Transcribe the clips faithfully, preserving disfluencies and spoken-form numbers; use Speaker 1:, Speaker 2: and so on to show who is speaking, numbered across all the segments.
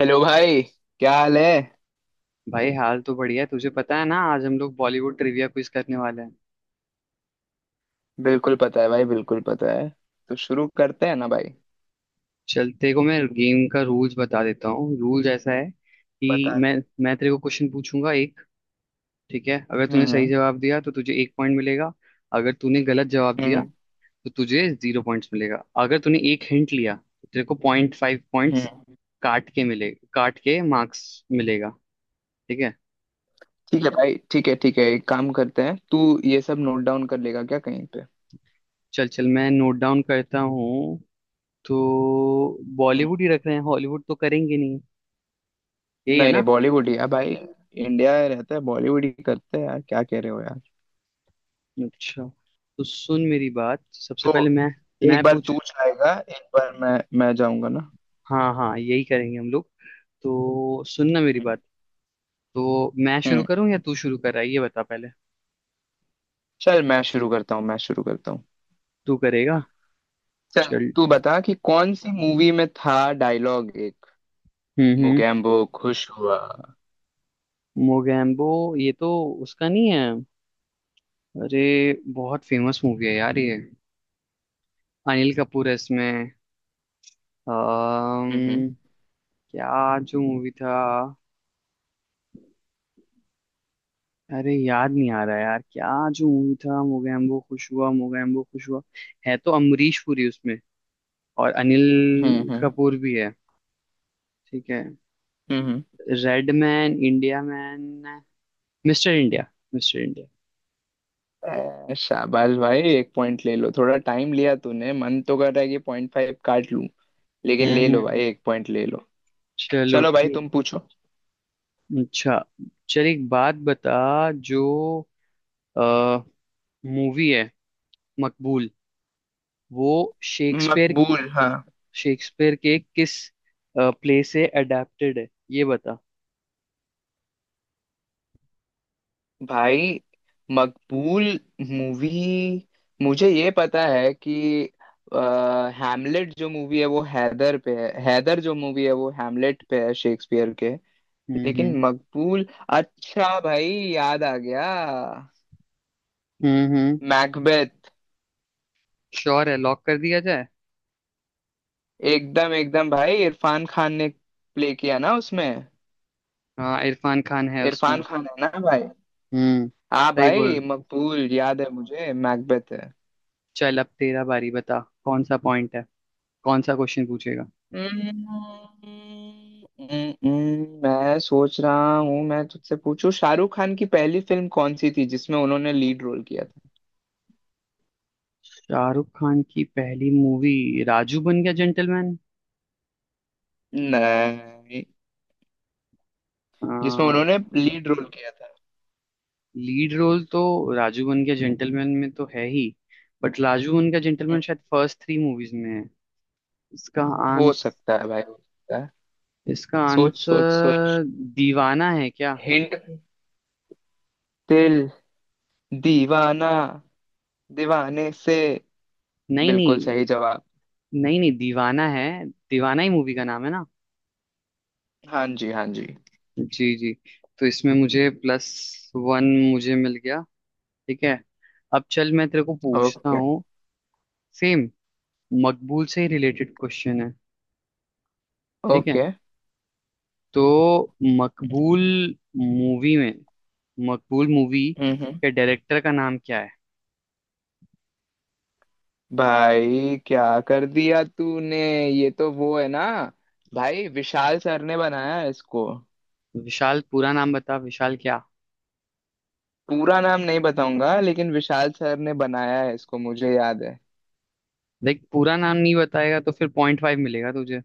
Speaker 1: Hello भाई। क्या हाल है?
Speaker 2: भाई हाल तो बढ़िया है। तुझे पता है ना, आज हम लोग बॉलीवुड ट्रिविया क्विज करने वाले हैं।
Speaker 1: बिल्कुल पता है भाई, बिल्कुल पता है। तो शुरू करते हैं ना भाई।
Speaker 2: चल, तेरे को मैं गेम का रूल्स बता देता हूँ। रूल्स ऐसा है कि
Speaker 1: बता
Speaker 2: मैं
Speaker 1: दे।
Speaker 2: मैं तेरे को क्वेश्चन पूछूंगा एक। ठीक है, अगर
Speaker 1: हम्म।
Speaker 2: तूने सही
Speaker 1: हम्म।
Speaker 2: जवाब दिया तो तुझे एक पॉइंट मिलेगा। अगर तूने गलत जवाब दिया
Speaker 1: हम्म।
Speaker 2: तो तुझे जीरो पॉइंट्स मिलेगा। अगर तूने एक हिंट लिया तो तेरे को पॉइंट फाइव पॉइंट्स
Speaker 1: हम्म।
Speaker 2: काट के मिले, काट के मार्क्स मिलेगा। ठीक है।
Speaker 1: ठीक है भाई, ठीक है, ठीक है। एक काम करते हैं, तू ये सब नोट डाउन कर लेगा क्या कहीं पे?
Speaker 2: चल चल, मैं नोट डाउन करता हूँ। तो
Speaker 1: हम्म।
Speaker 2: बॉलीवुड ही रख रहे हैं, हॉलीवुड तो करेंगे नहीं, यही है
Speaker 1: नहीं नहीं,
Speaker 2: ना।
Speaker 1: बॉलीवुड ही है भाई। इंडिया रहता है, बॉलीवुड ही करते हैं यार। क्या कह रहे हो यार?
Speaker 2: अच्छा। तो सुन मेरी बात। सबसे
Speaker 1: तो
Speaker 2: पहले मैं
Speaker 1: एक
Speaker 2: मैं
Speaker 1: बार
Speaker 2: पूछ
Speaker 1: तू जाएगा, एक बार मैं मैं जाऊंगा ना।
Speaker 2: हाँ हाँ, यही करेंगे हम लोग। तो सुन ना मेरी
Speaker 1: हम्म।
Speaker 2: बात। तो मैं शुरू
Speaker 1: हम्म।
Speaker 2: करूँ या तू शुरू कर रहा है, ये बता पहले।
Speaker 1: चल मैं शुरू करता हूँ, मैं शुरू करता हूँ।
Speaker 2: तू करेगा?
Speaker 1: चल
Speaker 2: चल।
Speaker 1: तू बता कि कौन सी मूवी में था डायलॉग एक —
Speaker 2: हम्म हम्म।
Speaker 1: मुगैम्बो खुश हुआ।
Speaker 2: मोगैम्बो? ये तो उसका नहीं है। अरे, बहुत फेमस मूवी है यार ये। अनिल कपूर है इसमें।
Speaker 1: हम्म।
Speaker 2: अम्म क्या? जो मूवी था, अरे याद नहीं आ रहा यार, क्या जो मूवी था? मोगैम्बो खुश हुआ, मोगैम्बो खुश हुआ। है तो अमरीश पुरी उसमें, और
Speaker 1: हम्म।
Speaker 2: अनिल
Speaker 1: हम्म।
Speaker 2: कपूर भी है। ठीक है।
Speaker 1: हम्म।
Speaker 2: Red man India man, Mr India, Mr India.
Speaker 1: ए, शाबाश भाई! एक पॉइंट ले लो। थोड़ा टाइम लिया तूने, मन तो कर रहा है कि पॉइंट फाइव काट लूं, लेकिन
Speaker 2: हम्म
Speaker 1: ले लो
Speaker 2: हम्म।
Speaker 1: भाई, एक पॉइंट ले लो।
Speaker 2: चलो,
Speaker 1: चलो भाई,
Speaker 2: ठीक।
Speaker 1: तुम पूछो।
Speaker 2: अच्छा, चल एक बात बता। जो मूवी है मकबूल, वो शेक्सपियर
Speaker 1: मकबूल, हाँ।
Speaker 2: शेक्सपियर के किस प्ले से अडेप्टेड है, ये बता।
Speaker 1: भाई मकबूल मूवी, मुझे ये पता है कि हैमलेट जो मूवी है वो हैदर पे है, हैदर जो मूवी है वो हैमलेट पे है शेक्सपियर के।
Speaker 2: हम्म
Speaker 1: लेकिन
Speaker 2: हम्म।
Speaker 1: मकबूल… अच्छा भाई, याद आ गया।
Speaker 2: हम्म हम्म।
Speaker 1: मैकबेथ।
Speaker 2: श्योर है, लॉक कर दिया जाए।
Speaker 1: एकदम, एकदम भाई, इरफान खान ने प्ले किया ना उसमें।
Speaker 2: हाँ, इरफान खान है
Speaker 1: इरफान
Speaker 2: उसमें।
Speaker 1: खान है ना भाई?
Speaker 2: हम्म।
Speaker 1: हाँ
Speaker 2: सही बोल।
Speaker 1: भाई, मकबूल याद है मुझे, मैकबेथ है।
Speaker 2: चल, अब तेरा बारी। बता कौन सा पॉइंट है, कौन सा क्वेश्चन पूछेगा।
Speaker 1: हम्म, हम्म, मैं सोच रहा हूँ मैं तुझसे पूछूं, शाहरुख खान की पहली फिल्म कौन सी थी जिसमें उन्होंने लीड रोल किया था?
Speaker 2: शाहरुख खान की पहली मूवी, राजू बन गया जेंटलमैन।
Speaker 1: नहीं, जिसमें उन्होंने लीड रोल किया था।
Speaker 2: लीड रोल तो राजू बन गया जेंटलमैन में तो है ही, बट राजू बन गया
Speaker 1: हम्म,
Speaker 2: जेंटलमैन शायद फर्स्ट थ्री मूवीज में है। इसका
Speaker 1: हो
Speaker 2: आंस
Speaker 1: सकता है भाई, हो सकता है।
Speaker 2: इसका
Speaker 1: सोच सोच सोच।
Speaker 2: आंसर दीवाना है क्या?
Speaker 1: हिंट। दिल। दीवाना। दीवाने से।
Speaker 2: नहीं
Speaker 1: बिल्कुल
Speaker 2: नहीं,
Speaker 1: सही जवाब।
Speaker 2: नहीं नहीं दीवाना है। दीवाना ही मूवी का नाम है ना।
Speaker 1: हाँ जी, हाँ जी।
Speaker 2: जी जी। तो इसमें मुझे प्लस वन, मुझे मिल गया। ठीक है, अब चल मैं तेरे को पूछता
Speaker 1: ओके।
Speaker 2: हूँ। सेम मकबूल से ही रिलेटेड क्वेश्चन है, ठीक है।
Speaker 1: ओके।
Speaker 2: तो मकबूल मूवी में, मकबूल मूवी
Speaker 1: हम्म हम्म
Speaker 2: के डायरेक्टर का नाम क्या है?
Speaker 1: भाई क्या कर दिया तूने! ये तो वो है ना, भाई विशाल सर ने बनाया है इसको।
Speaker 2: विशाल, पूरा नाम बता, विशाल क्या?
Speaker 1: पूरा नाम नहीं बताऊंगा, लेकिन विशाल सर ने बनाया है इसको, मुझे याद है।
Speaker 2: देख, पूरा नाम नहीं बताएगा तो फिर पॉइंट फाइव मिलेगा तुझे।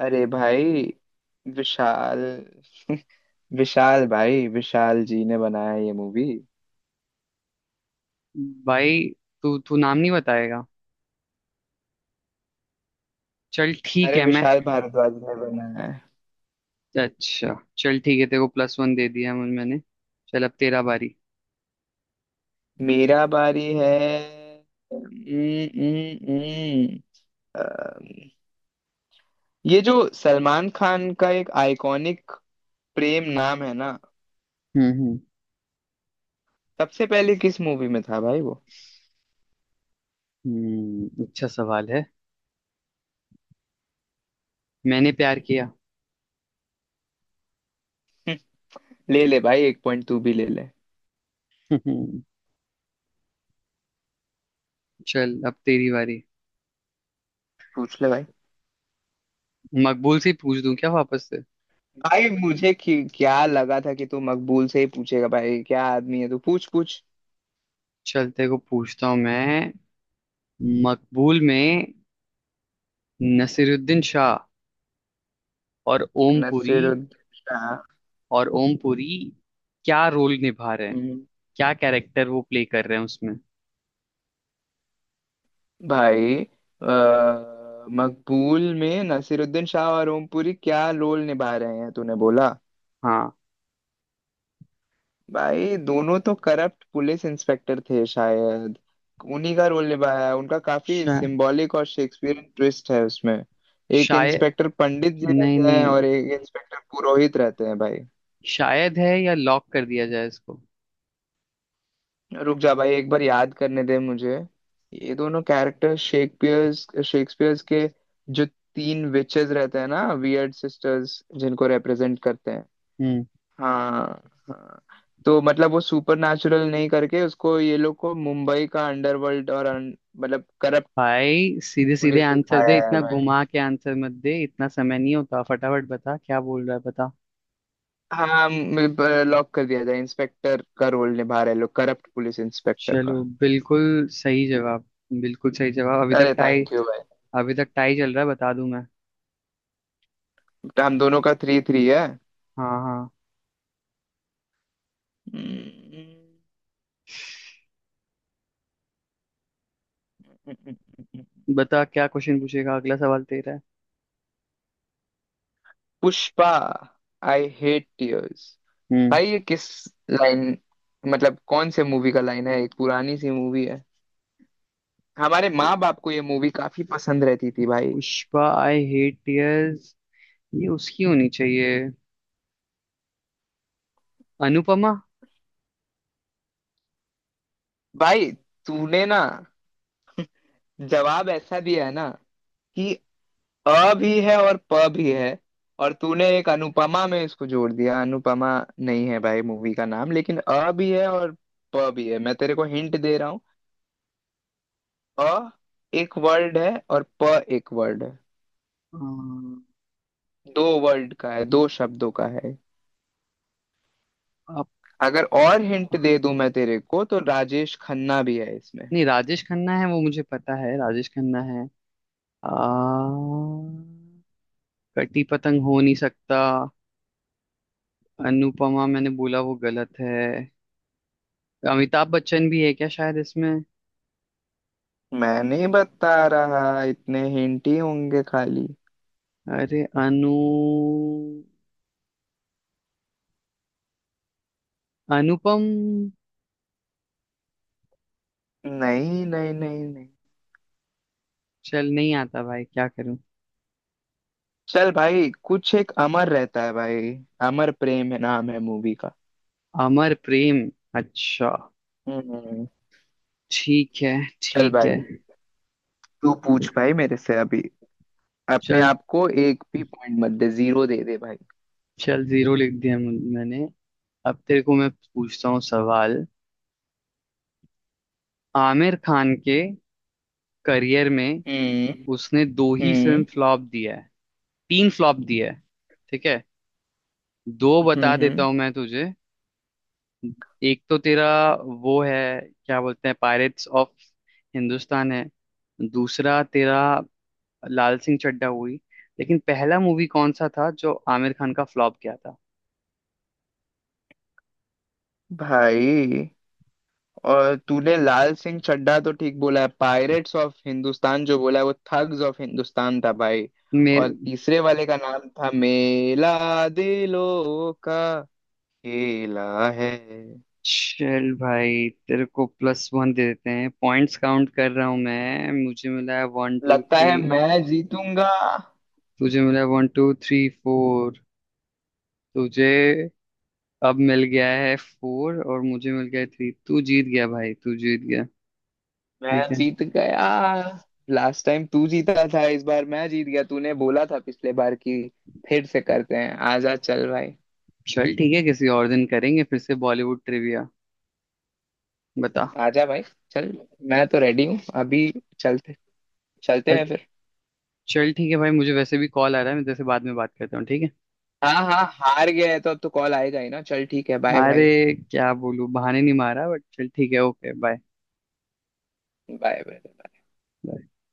Speaker 1: अरे भाई, विशाल विशाल भाई, विशाल जी ने बनाया है ये मूवी।
Speaker 2: भाई तू तू नाम नहीं बताएगा? चल ठीक
Speaker 1: अरे
Speaker 2: है मैं,
Speaker 1: विशाल भारद्वाज ने बनाया है।
Speaker 2: अच्छा चल ठीक है, तेरे को प्लस वन दे दिया, मुझे- मैंने। चल अब तेरा बारी।
Speaker 1: मेरा बारी है। हम्म, हम्म, हम्म। अम्म, ये जो सलमान खान का एक आइकॉनिक प्रेम नाम है ना,
Speaker 2: हम्म हम्म।
Speaker 1: सबसे पहले किस मूवी में था भाई वो?
Speaker 2: हम्म, अच्छा सवाल है। मैंने प्यार किया।
Speaker 1: ले ले भाई, एक पॉइंट तू भी ले ले।
Speaker 2: हम्म। चल, अब तेरी बारी।
Speaker 1: पूछ ले भाई।
Speaker 2: मकबूल से ही पूछ दूं क्या वापस से?
Speaker 1: भाई मुझे कि, क्या लगा था कि तू मकबूल से ही पूछेगा, भाई क्या आदमी है तू! पूछ पूछ।
Speaker 2: चल, तेरे को पूछता हूँ मैं। मकबूल में नसीरुद्दीन शाह और ओमपुरी
Speaker 1: नसीरुद्दीन शाह?
Speaker 2: और ओमपुरी क्या रोल निभा रहे हैं,
Speaker 1: हम्म,
Speaker 2: क्या कैरेक्टर वो प्ले कर रहे हैं उसमें?
Speaker 1: भाई अ, मकबूल में नसीरुद्दीन शाह और ओम पुरी क्या रोल निभा रहे हैं तूने बोला?
Speaker 2: हाँ।
Speaker 1: भाई दोनों तो करप्ट पुलिस इंस्पेक्टर थे शायद। उन्हीं का रोल निभाया है, उनका काफी
Speaker 2: शा,
Speaker 1: सिंबॉलिक और शेक्सपियरियन ट्विस्ट है उसमें। एक
Speaker 2: शायद।
Speaker 1: इंस्पेक्टर पंडित जी
Speaker 2: नहीं
Speaker 1: रहते हैं
Speaker 2: नहीं,
Speaker 1: और एक इंस्पेक्टर पुरोहित रहते हैं भाई।
Speaker 2: शायद है, या लॉक कर दिया जाए इसको?
Speaker 1: रुक जा भाई, एक बार याद करने दे मुझे। ये दोनों कैरेक्टर शेक्सपियर शेक्सपियर्स के जो तीन विचेस रहते हैं ना, वियर्ड सिस्टर्स, जिनको रिप्रेजेंट करते हैं।
Speaker 2: हम्म।
Speaker 1: हाँ। हाँ। तो मतलब वो सुपर नेचुरल नहीं करके उसको ये लोग को मुंबई का अंडरवर्ल्ड और un- मतलब करप्ट
Speaker 2: भाई सीधे सीधे
Speaker 1: पुलिस
Speaker 2: आंसर
Speaker 1: दिखाया
Speaker 2: दे,
Speaker 1: है
Speaker 2: इतना
Speaker 1: भाई।
Speaker 2: घुमा के आंसर मत दे, इतना समय नहीं होता, फटाफट बता क्या बोल रहा है, बता।
Speaker 1: हाँ, लॉक कर दिया जाए। इंस्पेक्टर का रोल निभा रहे लोग, करप्ट पुलिस इंस्पेक्टर
Speaker 2: चलो,
Speaker 1: का।
Speaker 2: बिल्कुल सही जवाब, बिल्कुल सही जवाब। अभी तक
Speaker 1: अरे
Speaker 2: टाई,
Speaker 1: थैंक यू भाई!
Speaker 2: अभी तक टाई चल रहा है, बता दूं मैं।
Speaker 1: हम दोनों का थ्री थ्री है।
Speaker 2: हाँ हाँ।
Speaker 1: हम्म,
Speaker 2: बता क्या क्वेश्चन पूछेगा, अगला सवाल तेरा है।
Speaker 1: Pushpa, I hate tears.
Speaker 2: हम्म।
Speaker 1: भाई ये किस लाइन, मतलब कौन से मूवी का लाइन है? एक पुरानी सी मूवी है, हमारे माँ बाप को ये मूवी काफी पसंद रहती थी भाई।
Speaker 2: पुष्पा आई हेट टीयर्स, ये उसकी होनी चाहिए, अनुपमा।
Speaker 1: भाई तूने ना जवाब ऐसा दिया है ना कि अ भी है और प भी है, और तूने एक अनुपमा में इसको जोड़ दिया। अनुपमा नहीं है भाई मूवी का नाम, लेकिन अ भी है और प भी है। मैं तेरे को हिंट दे रहा हूँ — अ एक वर्ड है और प एक वर्ड है।
Speaker 2: अम,
Speaker 1: दो वर्ड का है, दो शब्दों का है।
Speaker 2: अप-
Speaker 1: अगर और हिंट दे दूं मैं तेरे को, तो राजेश खन्ना भी है इसमें।
Speaker 2: नहीं, राजेश खन्ना है वो मुझे पता है, राजेश खन्ना है। आ, कटी पतंग हो नहीं सकता। अनुपमा मैंने बोला वो गलत है। अमिताभ बच्चन भी है क्या शायद इसमें?
Speaker 1: मैं नहीं बता रहा, इतने हिंट ही होंगे खाली।
Speaker 2: अरे अनु अनुपम
Speaker 1: नहीं नहीं, नहीं नहीं।
Speaker 2: चल, नहीं आता भाई, क्या करूं।
Speaker 1: चल भाई, कुछ एक अमर रहता है भाई। अमर प्रेम है, नाम है मूवी का।
Speaker 2: अमर प्रेम, अच्छा,
Speaker 1: हम्म।
Speaker 2: ठीक है,
Speaker 1: चल
Speaker 2: ठीक है।
Speaker 1: भाई, तू पूछ भाई मेरे से अभी। अपने
Speaker 2: चल,
Speaker 1: आप को एक भी पॉइंट मत दे, जीरो दे दे भाई।
Speaker 2: चल जीरो लिख दिया, मु- मैंने। अब तेरे को मैं पूछता हूँ सवाल। आमिर खान के करियर में,
Speaker 1: हम्म।
Speaker 2: उसने दो ही फिल्म
Speaker 1: हम्म।
Speaker 2: फ्लॉप दिया है, तीन फ्लॉप दिया है, ठीक है। दो
Speaker 1: हम्म।
Speaker 2: बता देता
Speaker 1: हम्म।
Speaker 2: हूँ मैं तुझे। एक तो तेरा वो है, क्या बोलते हैं, पायरेट्स ऑफ हिंदुस्तान है। दूसरा तेरा लाल सिंह चड्ढा हुई। लेकिन पहला मूवी कौन सा था जो आमिर खान का फ्लॉप गया था?
Speaker 1: भाई, और तूने लाल सिंह चड्ढा तो ठीक बोला है, पायरेट्स ऑफ हिंदुस्तान जो बोला है वो थग्स ऑफ हिंदुस्तान था भाई।
Speaker 2: मेरे,
Speaker 1: और तीसरे वाले का नाम था मेला दिलों का खेला है।
Speaker 2: चल भाई तेरे को प्लस वन दे देते हैं। पॉइंट्स काउंट कर रहा हूँ मैं, मुझे मिला है वन टू
Speaker 1: लगता
Speaker 2: थ्री
Speaker 1: है मैं जीतूंगा।
Speaker 2: तुझे मिला है वन टू थ्री फोर। तुझे अब मिल गया है फोर और मुझे मिल गया है थ्री, तू जीत गया भाई, तू जीत गया। ठीक
Speaker 1: मैं
Speaker 2: है।
Speaker 1: जीत गया! लास्ट टाइम तू जीता था, इस बार मैं जीत गया। तूने बोला था पिछले बार की फिर से करते हैं, आजा चल भाई।
Speaker 2: चल ठीक है, किसी और दिन करेंगे फिर से बॉलीवुड ट्रिविया। बता।
Speaker 1: आजा भाई, चल। मैं तो रेडी हूँ अभी। चलते चलते हैं
Speaker 2: अ-
Speaker 1: फिर।
Speaker 2: चल ठीक है भाई, मुझे वैसे भी कॉल आ रहा है, मैं जैसे बाद में बात करता हूँ, ठीक है।
Speaker 1: हाँ हाँ, हार गया है तो अब तो कॉल आएगा ही ना। चल ठीक है, बाय
Speaker 2: अरे
Speaker 1: बाय।
Speaker 2: क्या बोलूं, बहाने नहीं मारा, बट चल ठीक है, ओके, बाय।
Speaker 1: Bye bye.